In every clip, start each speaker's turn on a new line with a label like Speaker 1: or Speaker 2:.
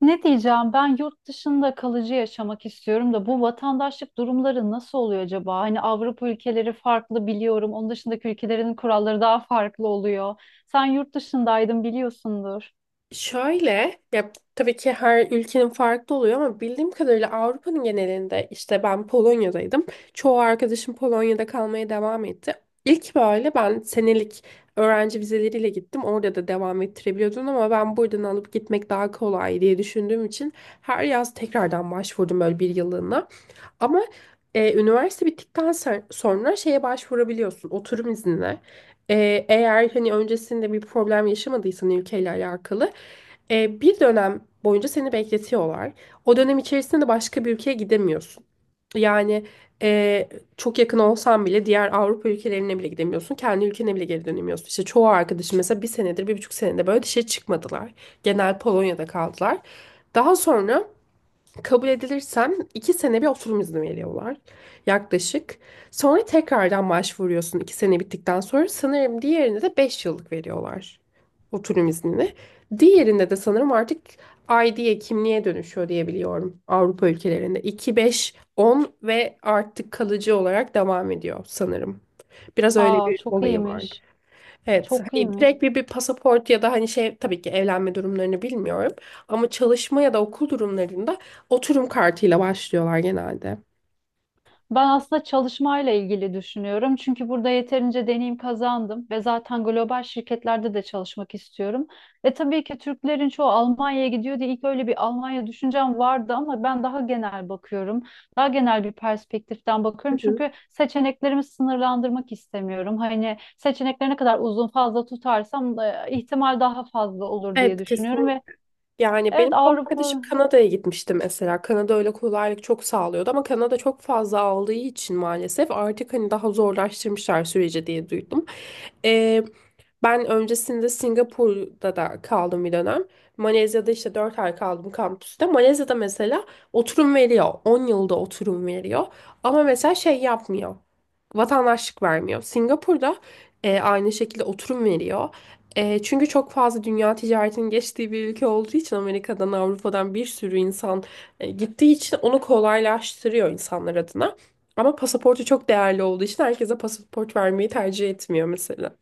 Speaker 1: Ne diyeceğim, ben yurt dışında kalıcı yaşamak istiyorum da bu vatandaşlık durumları nasıl oluyor acaba? Hani Avrupa ülkeleri farklı biliyorum. Onun dışındaki ülkelerin kuralları daha farklı oluyor. Sen yurt dışındaydın, biliyorsundur.
Speaker 2: Şöyle, ya tabii ki her ülkenin farklı oluyor ama bildiğim kadarıyla Avrupa'nın genelinde işte ben Polonya'daydım. Çoğu arkadaşım Polonya'da kalmaya devam etti. İlk böyle ben senelik öğrenci vizeleriyle gittim. Orada da devam ettirebiliyordun ama ben buradan alıp gitmek daha kolay diye düşündüğüm için her yaz tekrardan başvurdum böyle bir yıllığına. Ama üniversite bittikten sonra şeye başvurabiliyorsun oturum iznine. Eğer hani öncesinde bir problem yaşamadıysan ülkeyle alakalı bir dönem boyunca seni bekletiyorlar. O dönem içerisinde de başka bir ülkeye gidemiyorsun. Yani e, çok yakın olsan bile diğer Avrupa ülkelerine bile gidemiyorsun. Kendi ülkene bile geri dönemiyorsun. İşte çoğu arkadaşım mesela bir senedir, bir buçuk senedir böyle dışarı çıkmadılar. Genel Polonya'da kaldılar. Daha sonra kabul edilirsen 2 sene bir oturum izni veriyorlar yaklaşık. Sonra tekrardan başvuruyorsun 2 sene bittikten sonra. Sanırım diğerinde de 5 yıllık veriyorlar oturum iznini. Diğerinde de sanırım artık ID'ye, kimliğe dönüşüyor diye biliyorum Avrupa ülkelerinde. 2, 5, 10 ve artık kalıcı olarak devam ediyor sanırım. Biraz öyle
Speaker 1: Aa,
Speaker 2: bir
Speaker 1: çok
Speaker 2: olayı var.
Speaker 1: iyiymiş.
Speaker 2: Evet,
Speaker 1: Çok
Speaker 2: hani
Speaker 1: iyiymiş.
Speaker 2: direkt bir pasaport ya da hani şey, tabii ki evlenme durumlarını bilmiyorum. Ama çalışma ya da okul durumlarında oturum kartıyla başlıyorlar genelde.
Speaker 1: Ben aslında çalışmayla ilgili düşünüyorum. Çünkü burada yeterince deneyim kazandım ve zaten global şirketlerde de çalışmak istiyorum. E tabii ki Türklerin çoğu Almanya'ya gidiyor diye ilk öyle bir Almanya düşüncem vardı ama ben daha genel bakıyorum. Daha genel bir perspektiften bakıyorum.
Speaker 2: Hı hı.
Speaker 1: Çünkü seçeneklerimi sınırlandırmak istemiyorum. Hani seçenekleri ne kadar uzun fazla tutarsam ihtimal daha fazla olur diye
Speaker 2: Evet,
Speaker 1: düşünüyorum
Speaker 2: kesin.
Speaker 1: ve
Speaker 2: Yani benim
Speaker 1: evet,
Speaker 2: bir
Speaker 1: Avrupa.
Speaker 2: arkadaşım Kanada'ya gitmişti mesela. Kanada öyle kolaylık çok sağlıyordu ama Kanada çok fazla aldığı için maalesef artık hani daha zorlaştırmışlar süreci diye duydum. Ee, Ben öncesinde Singapur'da da kaldım bir dönem. Malezya'da işte 4 ay kaldım kampüste. Malezya'da mesela oturum veriyor. 10 yılda oturum veriyor. Ama mesela şey yapmıyor. Vatandaşlık vermiyor. Singapur'da aynı şekilde oturum veriyor. Çünkü çok fazla dünya ticaretinin geçtiği bir ülke olduğu için Amerika'dan, Avrupa'dan bir sürü insan gittiği için onu kolaylaştırıyor insanlar adına. Ama pasaportu çok değerli olduğu için herkese pasaport vermeyi tercih etmiyor mesela.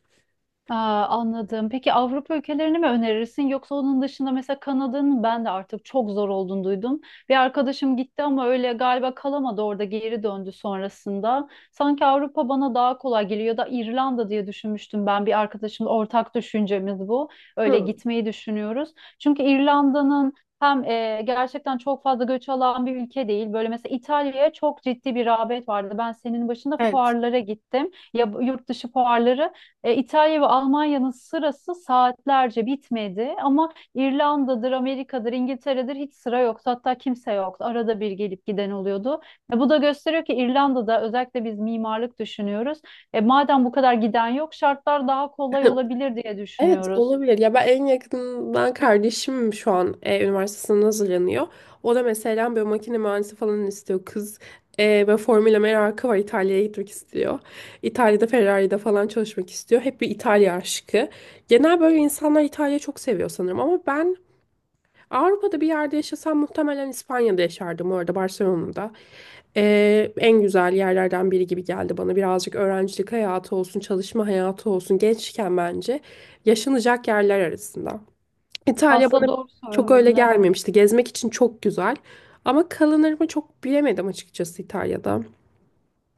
Speaker 1: Aa, anladım. Peki Avrupa ülkelerini mi önerirsin, yoksa onun dışında mesela Kanada'nın ben de artık çok zor olduğunu duydum. Bir arkadaşım gitti ama öyle galiba kalamadı, orada geri döndü sonrasında. Sanki Avrupa bana daha kolay geliyor ya da İrlanda diye düşünmüştüm, ben bir arkadaşımla ortak düşüncemiz bu. Öyle
Speaker 2: Hı.
Speaker 1: gitmeyi düşünüyoruz. Çünkü İrlanda'nın hem gerçekten çok fazla göç alan bir ülke değil. Böyle mesela İtalya'ya çok ciddi bir rağbet vardı. Ben senin başında
Speaker 2: Evet.
Speaker 1: fuarlara gittim. Ya, yurt dışı fuarları. İtalya ve Almanya'nın sırası saatlerce bitmedi ama İrlanda'dır, Amerika'dır, İngiltere'dir, hiç sıra yoktu. Hatta kimse yoktu. Arada bir gelip giden oluyordu. Bu da gösteriyor ki İrlanda'da özellikle biz mimarlık düşünüyoruz. Madem bu kadar giden yok, şartlar daha kolay olabilir diye
Speaker 2: Evet,
Speaker 1: düşünüyoruz.
Speaker 2: olabilir. Ya ben en yakından kardeşim şu an üniversitesine hazırlanıyor. O da mesela böyle makine mühendisi falan istiyor. Kız böyle Formula merakı var. İtalya'ya gitmek istiyor. İtalya'da Ferrari'de falan çalışmak istiyor. Hep bir İtalya aşkı. Genel böyle insanlar İtalya'yı çok seviyor sanırım. Ama ben Avrupa'da bir yerde yaşasam muhtemelen İspanya'da yaşardım, orada Barcelona'da. En güzel yerlerden biri gibi geldi bana. Birazcık öğrencilik hayatı olsun, çalışma hayatı olsun, gençken bence yaşanacak yerler arasında. İtalya
Speaker 1: Aslında
Speaker 2: bana
Speaker 1: doğru
Speaker 2: çok öyle
Speaker 1: söylüyorsun, evet.
Speaker 2: gelmemişti. Gezmek için çok güzel ama kalınır mı çok bilemedim açıkçası İtalya'da.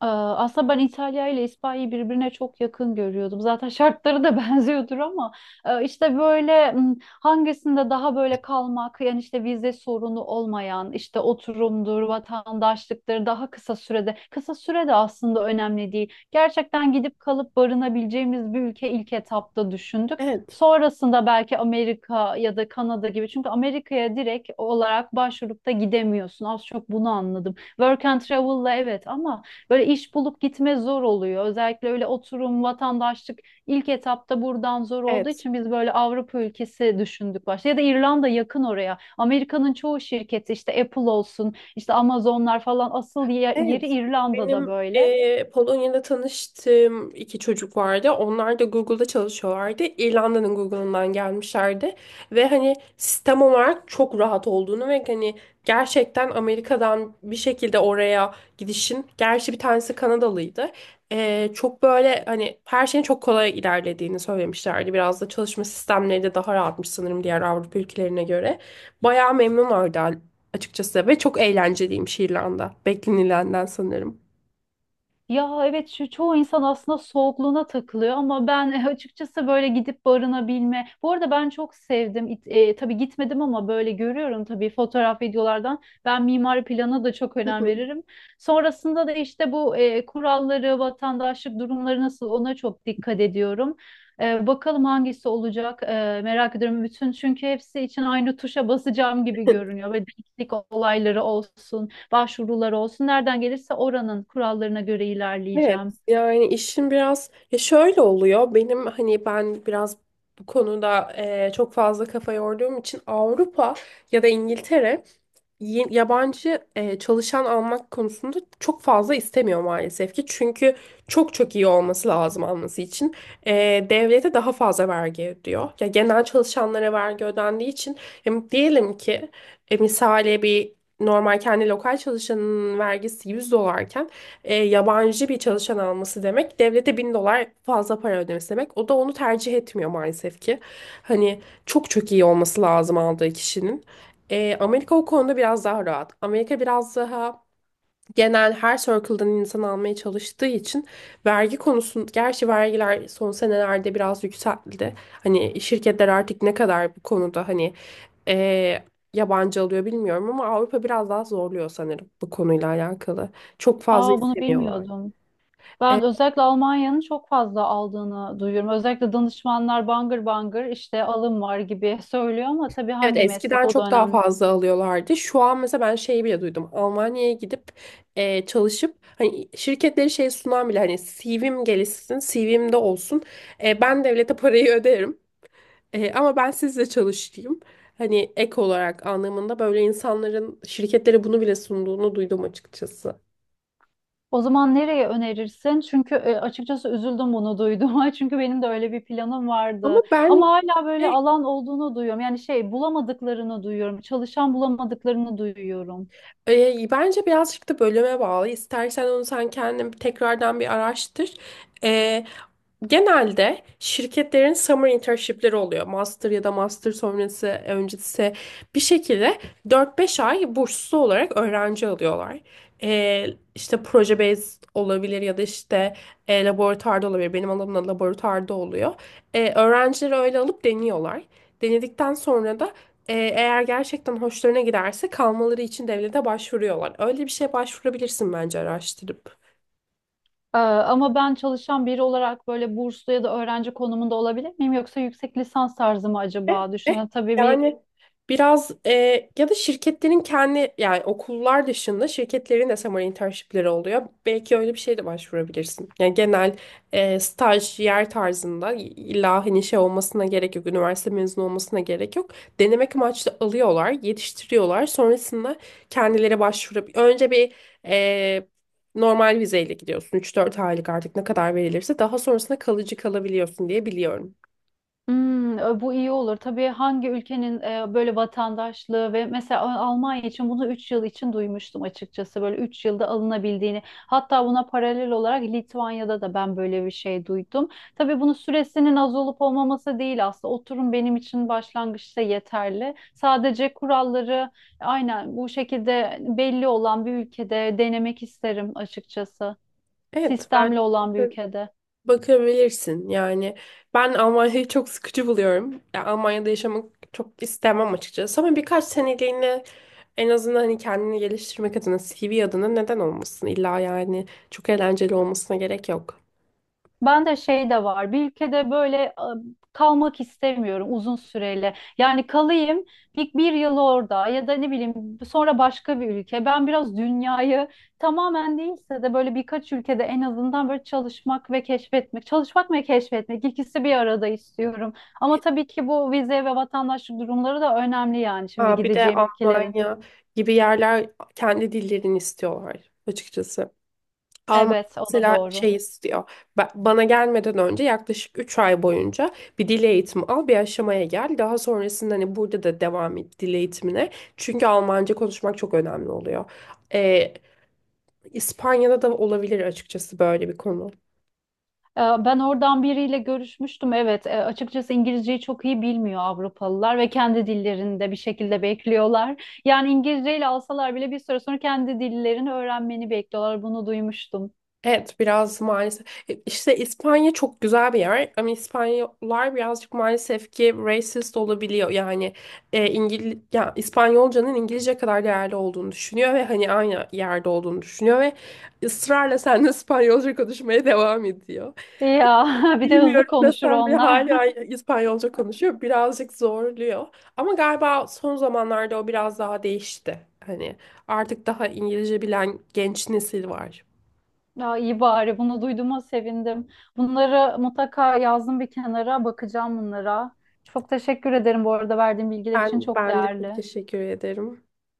Speaker 1: Aslında ben İtalya ile İspanya'yı birbirine çok yakın görüyordum. Zaten şartları da benziyordur ama işte böyle hangisinde daha böyle kalmak, yani işte vize sorunu olmayan, işte oturumdur, vatandaşlıktır daha kısa sürede. Kısa sürede aslında önemli değil. Gerçekten gidip kalıp barınabileceğimiz bir ülke ilk etapta düşündük.
Speaker 2: Evet.
Speaker 1: Sonrasında belki Amerika ya da Kanada gibi, çünkü Amerika'ya direkt olarak başvurup da gidemiyorsun. Az çok bunu anladım. Work and travel'la evet ama böyle iş bulup gitme zor oluyor. Özellikle öyle oturum, vatandaşlık ilk etapta buradan zor olduğu
Speaker 2: Evet.
Speaker 1: için biz böyle Avrupa ülkesi düşündük başta. Ya da İrlanda, yakın oraya. Amerika'nın çoğu şirketi işte Apple olsun, işte Amazonlar falan, asıl yeri
Speaker 2: Evet.
Speaker 1: İrlanda'da
Speaker 2: Benim
Speaker 1: böyle.
Speaker 2: Polonya'da tanıştığım iki çocuk vardı. Onlar da Google'da çalışıyorlardı. İrlanda'nın Google'ından gelmişlerdi. Ve hani sistem olarak çok rahat olduğunu ve hani gerçekten Amerika'dan bir şekilde oraya gidişin. Gerçi bir tanesi Kanadalıydı. Çok böyle hani her şeyin çok kolay ilerlediğini söylemişlerdi. Biraz da çalışma sistemleri de daha rahatmış sanırım diğer Avrupa ülkelerine göre. Bayağı memnunlardı açıkçası ve çok eğlenceliymiş İrlanda. Beklenilenden sanırım.
Speaker 1: Ya evet, şu çoğu insan aslında soğukluğuna takılıyor ama ben açıkçası böyle gidip barınabilme. Bu arada ben çok sevdim. Tabii gitmedim ama böyle görüyorum, tabii fotoğraf videolardan. Ben mimari plana da çok önem veririm. Sonrasında da işte bu kuralları, vatandaşlık durumları nasıl, ona çok dikkat ediyorum. Bakalım hangisi olacak, merak ediyorum bütün, çünkü hepsi için aynı tuşa basacağım gibi görünüyor ve denklik olayları olsun, başvurular olsun. Nereden gelirse oranın kurallarına göre
Speaker 2: Evet,
Speaker 1: ilerleyeceğim.
Speaker 2: yani işin biraz ya şöyle oluyor, benim hani ben biraz bu konuda çok fazla kafa yorduğum için Avrupa ya da İngiltere yabancı çalışan almak konusunda çok fazla istemiyor maalesef ki. Çünkü çok çok iyi olması lazım alması için. E, Devlete daha fazla vergi ödüyor. Ya genel çalışanlara vergi ödendiği için diyelim ki misale bir normal kendi lokal çalışanın vergisi 100 dolarken yabancı bir çalışan alması demek devlete 1.000 dolar fazla para ödemesi demek. O da onu tercih etmiyor maalesef ki. Hani çok çok iyi olması lazım aldığı kişinin. Amerika o konuda biraz daha rahat. Amerika biraz daha genel her circle'dan insan almaya çalıştığı için vergi konusun, gerçi vergiler son senelerde biraz yükseldi. Hani şirketler artık ne kadar bu konuda hani eee, yabancı alıyor bilmiyorum ama Avrupa biraz daha zorluyor sanırım bu konuyla alakalı. Çok fazla
Speaker 1: Aa, bunu
Speaker 2: istemiyorlar.
Speaker 1: bilmiyordum. Ben
Speaker 2: E,
Speaker 1: özellikle Almanya'nın çok fazla aldığını duyuyorum. Özellikle danışmanlar bangır bangır işte alım var gibi söylüyor ama tabii
Speaker 2: Evet,
Speaker 1: hangi meslek,
Speaker 2: eskiden
Speaker 1: o da
Speaker 2: çok daha
Speaker 1: önemli.
Speaker 2: fazla alıyorlardı. Şu an mesela ben şeyi bile duydum. Almanya'ya gidip çalışıp hani şirketleri şey sunan bile, hani CV'm gelişsin, CV'm de olsun. Ben devlete parayı öderim. Ama ben sizle çalışayım. Hani ek olarak anlamında böyle insanların şirketlere bunu bile sunduğunu duydum açıkçası.
Speaker 1: O zaman nereye önerirsin? Çünkü açıkçası üzüldüm bunu duyduğuma. Çünkü benim de öyle bir planım
Speaker 2: Ama
Speaker 1: vardı.
Speaker 2: ben
Speaker 1: Ama hala böyle alan olduğunu duyuyorum. Yani şey bulamadıklarını duyuyorum. Çalışan bulamadıklarını duyuyorum.
Speaker 2: bence birazcık da bölüme bağlı. İstersen onu sen kendin tekrardan bir araştır. E, Genelde şirketlerin summer internship'leri oluyor. Master ya da master sonrası, öncesi bir şekilde 4-5 ay burslu olarak öğrenci alıyorlar. E, işte proje based olabilir ya da işte laboratuvarda olabilir. Benim alanımda laboratuvarda oluyor. Öğrencileri öyle alıp deniyorlar. Denedikten sonra da eğer gerçekten hoşlarına giderse kalmaları için devlete başvuruyorlar. Öyle bir şeye başvurabilirsin bence araştırıp.
Speaker 1: Ama ben çalışan biri olarak böyle burslu ya da öğrenci konumunda olabilir miyim? Yoksa yüksek lisans tarzı mı
Speaker 2: Eh,
Speaker 1: acaba?
Speaker 2: eh,
Speaker 1: Düşünün tabii bir...
Speaker 2: Yani biraz ya da şirketlerin kendi, yani okullar dışında şirketlerin de summer internshipleri oluyor. Belki öyle bir şey de başvurabilirsin. Yani genel staj yer tarzında, illa hani şey olmasına gerek yok. Üniversite mezunu olmasına gerek yok. Denemek amaçlı alıyorlar, yetiştiriyorlar. Sonrasında kendileri başvurabilir. Önce bir eh, normal vizeyle gidiyorsun. Üç dört aylık, artık ne kadar verilirse, daha sonrasında kalıcı kalabiliyorsun diye biliyorum.
Speaker 1: Hmm, bu iyi olur. Tabii hangi ülkenin böyle vatandaşlığı, ve mesela Almanya için bunu 3 yıl için duymuştum açıkçası. Böyle 3 yılda alınabildiğini. Hatta buna paralel olarak Litvanya'da da ben böyle bir şey duydum. Tabii bunun süresinin az olup olmaması değil aslında. Oturum benim için başlangıçta yeterli. Sadece kuralları aynen bu şekilde belli olan bir ülkede denemek isterim açıkçası.
Speaker 2: Evet, ben
Speaker 1: Sistemli olan bir ülkede.
Speaker 2: Bakabilirsin yani, ben Almanya'yı çok sıkıcı buluyorum. Ya Almanya'da yaşamak çok istemem açıkçası ama birkaç seneliğine en azından hani kendini geliştirmek adına, CV adına neden olmasın? İlla yani çok eğlenceli olmasına gerek yok.
Speaker 1: Ben de şey de var. Bir ülkede böyle kalmak istemiyorum uzun süreli. Yani kalayım bir yıl orada ya da ne bileyim, sonra başka bir ülke. Ben biraz dünyayı tamamen değilse de böyle birkaç ülkede en azından böyle çalışmak ve keşfetmek. Çalışmak ve keşfetmek, ikisi bir arada istiyorum. Ama tabii ki bu vize ve vatandaşlık durumları da önemli, yani şimdi
Speaker 2: Aa, bir de
Speaker 1: gideceğim ülkelerin.
Speaker 2: Almanya gibi yerler kendi dillerini istiyorlar açıkçası. Alman
Speaker 1: Evet, o da
Speaker 2: mesela
Speaker 1: doğru.
Speaker 2: şey istiyor. Bana gelmeden önce yaklaşık 3 ay boyunca bir dil eğitimi al, bir aşamaya gel. Daha sonrasında hani burada da devam et dil eğitimine. Çünkü Almanca konuşmak çok önemli oluyor. Ee, İspanya'da da olabilir açıkçası böyle bir konu.
Speaker 1: Ben oradan biriyle görüşmüştüm. Evet, açıkçası İngilizceyi çok iyi bilmiyor Avrupalılar ve kendi dillerinde bir şekilde bekliyorlar. Yani İngilizceyle alsalar bile bir süre sonra kendi dillerini öğrenmeni bekliyorlar. Bunu duymuştum.
Speaker 2: Evet, biraz maalesef. İşte İspanya çok güzel bir yer ama İspanyollar birazcık maalesef ki racist olabiliyor. Yani ya, İspanyolcanın İngilizce kadar değerli olduğunu düşünüyor ve hani aynı yerde olduğunu düşünüyor ve ısrarla seninle İspanyolca konuşmaya devam ediyor.
Speaker 1: Ya bir de hızlı
Speaker 2: Bilmiyorum da
Speaker 1: konuşur
Speaker 2: sen, bir
Speaker 1: onlar.
Speaker 2: hala İspanyolca konuşuyor. Birazcık zorluyor. Ama galiba son zamanlarda o biraz daha değişti. Hani artık daha İngilizce bilen genç nesil var.
Speaker 1: Ya iyi, bari bunu duyduğuma sevindim. Bunları mutlaka yazdım bir kenara, bakacağım bunlara. Çok teşekkür ederim bu arada, verdiğin bilgiler için
Speaker 2: Ben,
Speaker 1: çok
Speaker 2: ben de çok
Speaker 1: değerli.
Speaker 2: teşekkür ederim.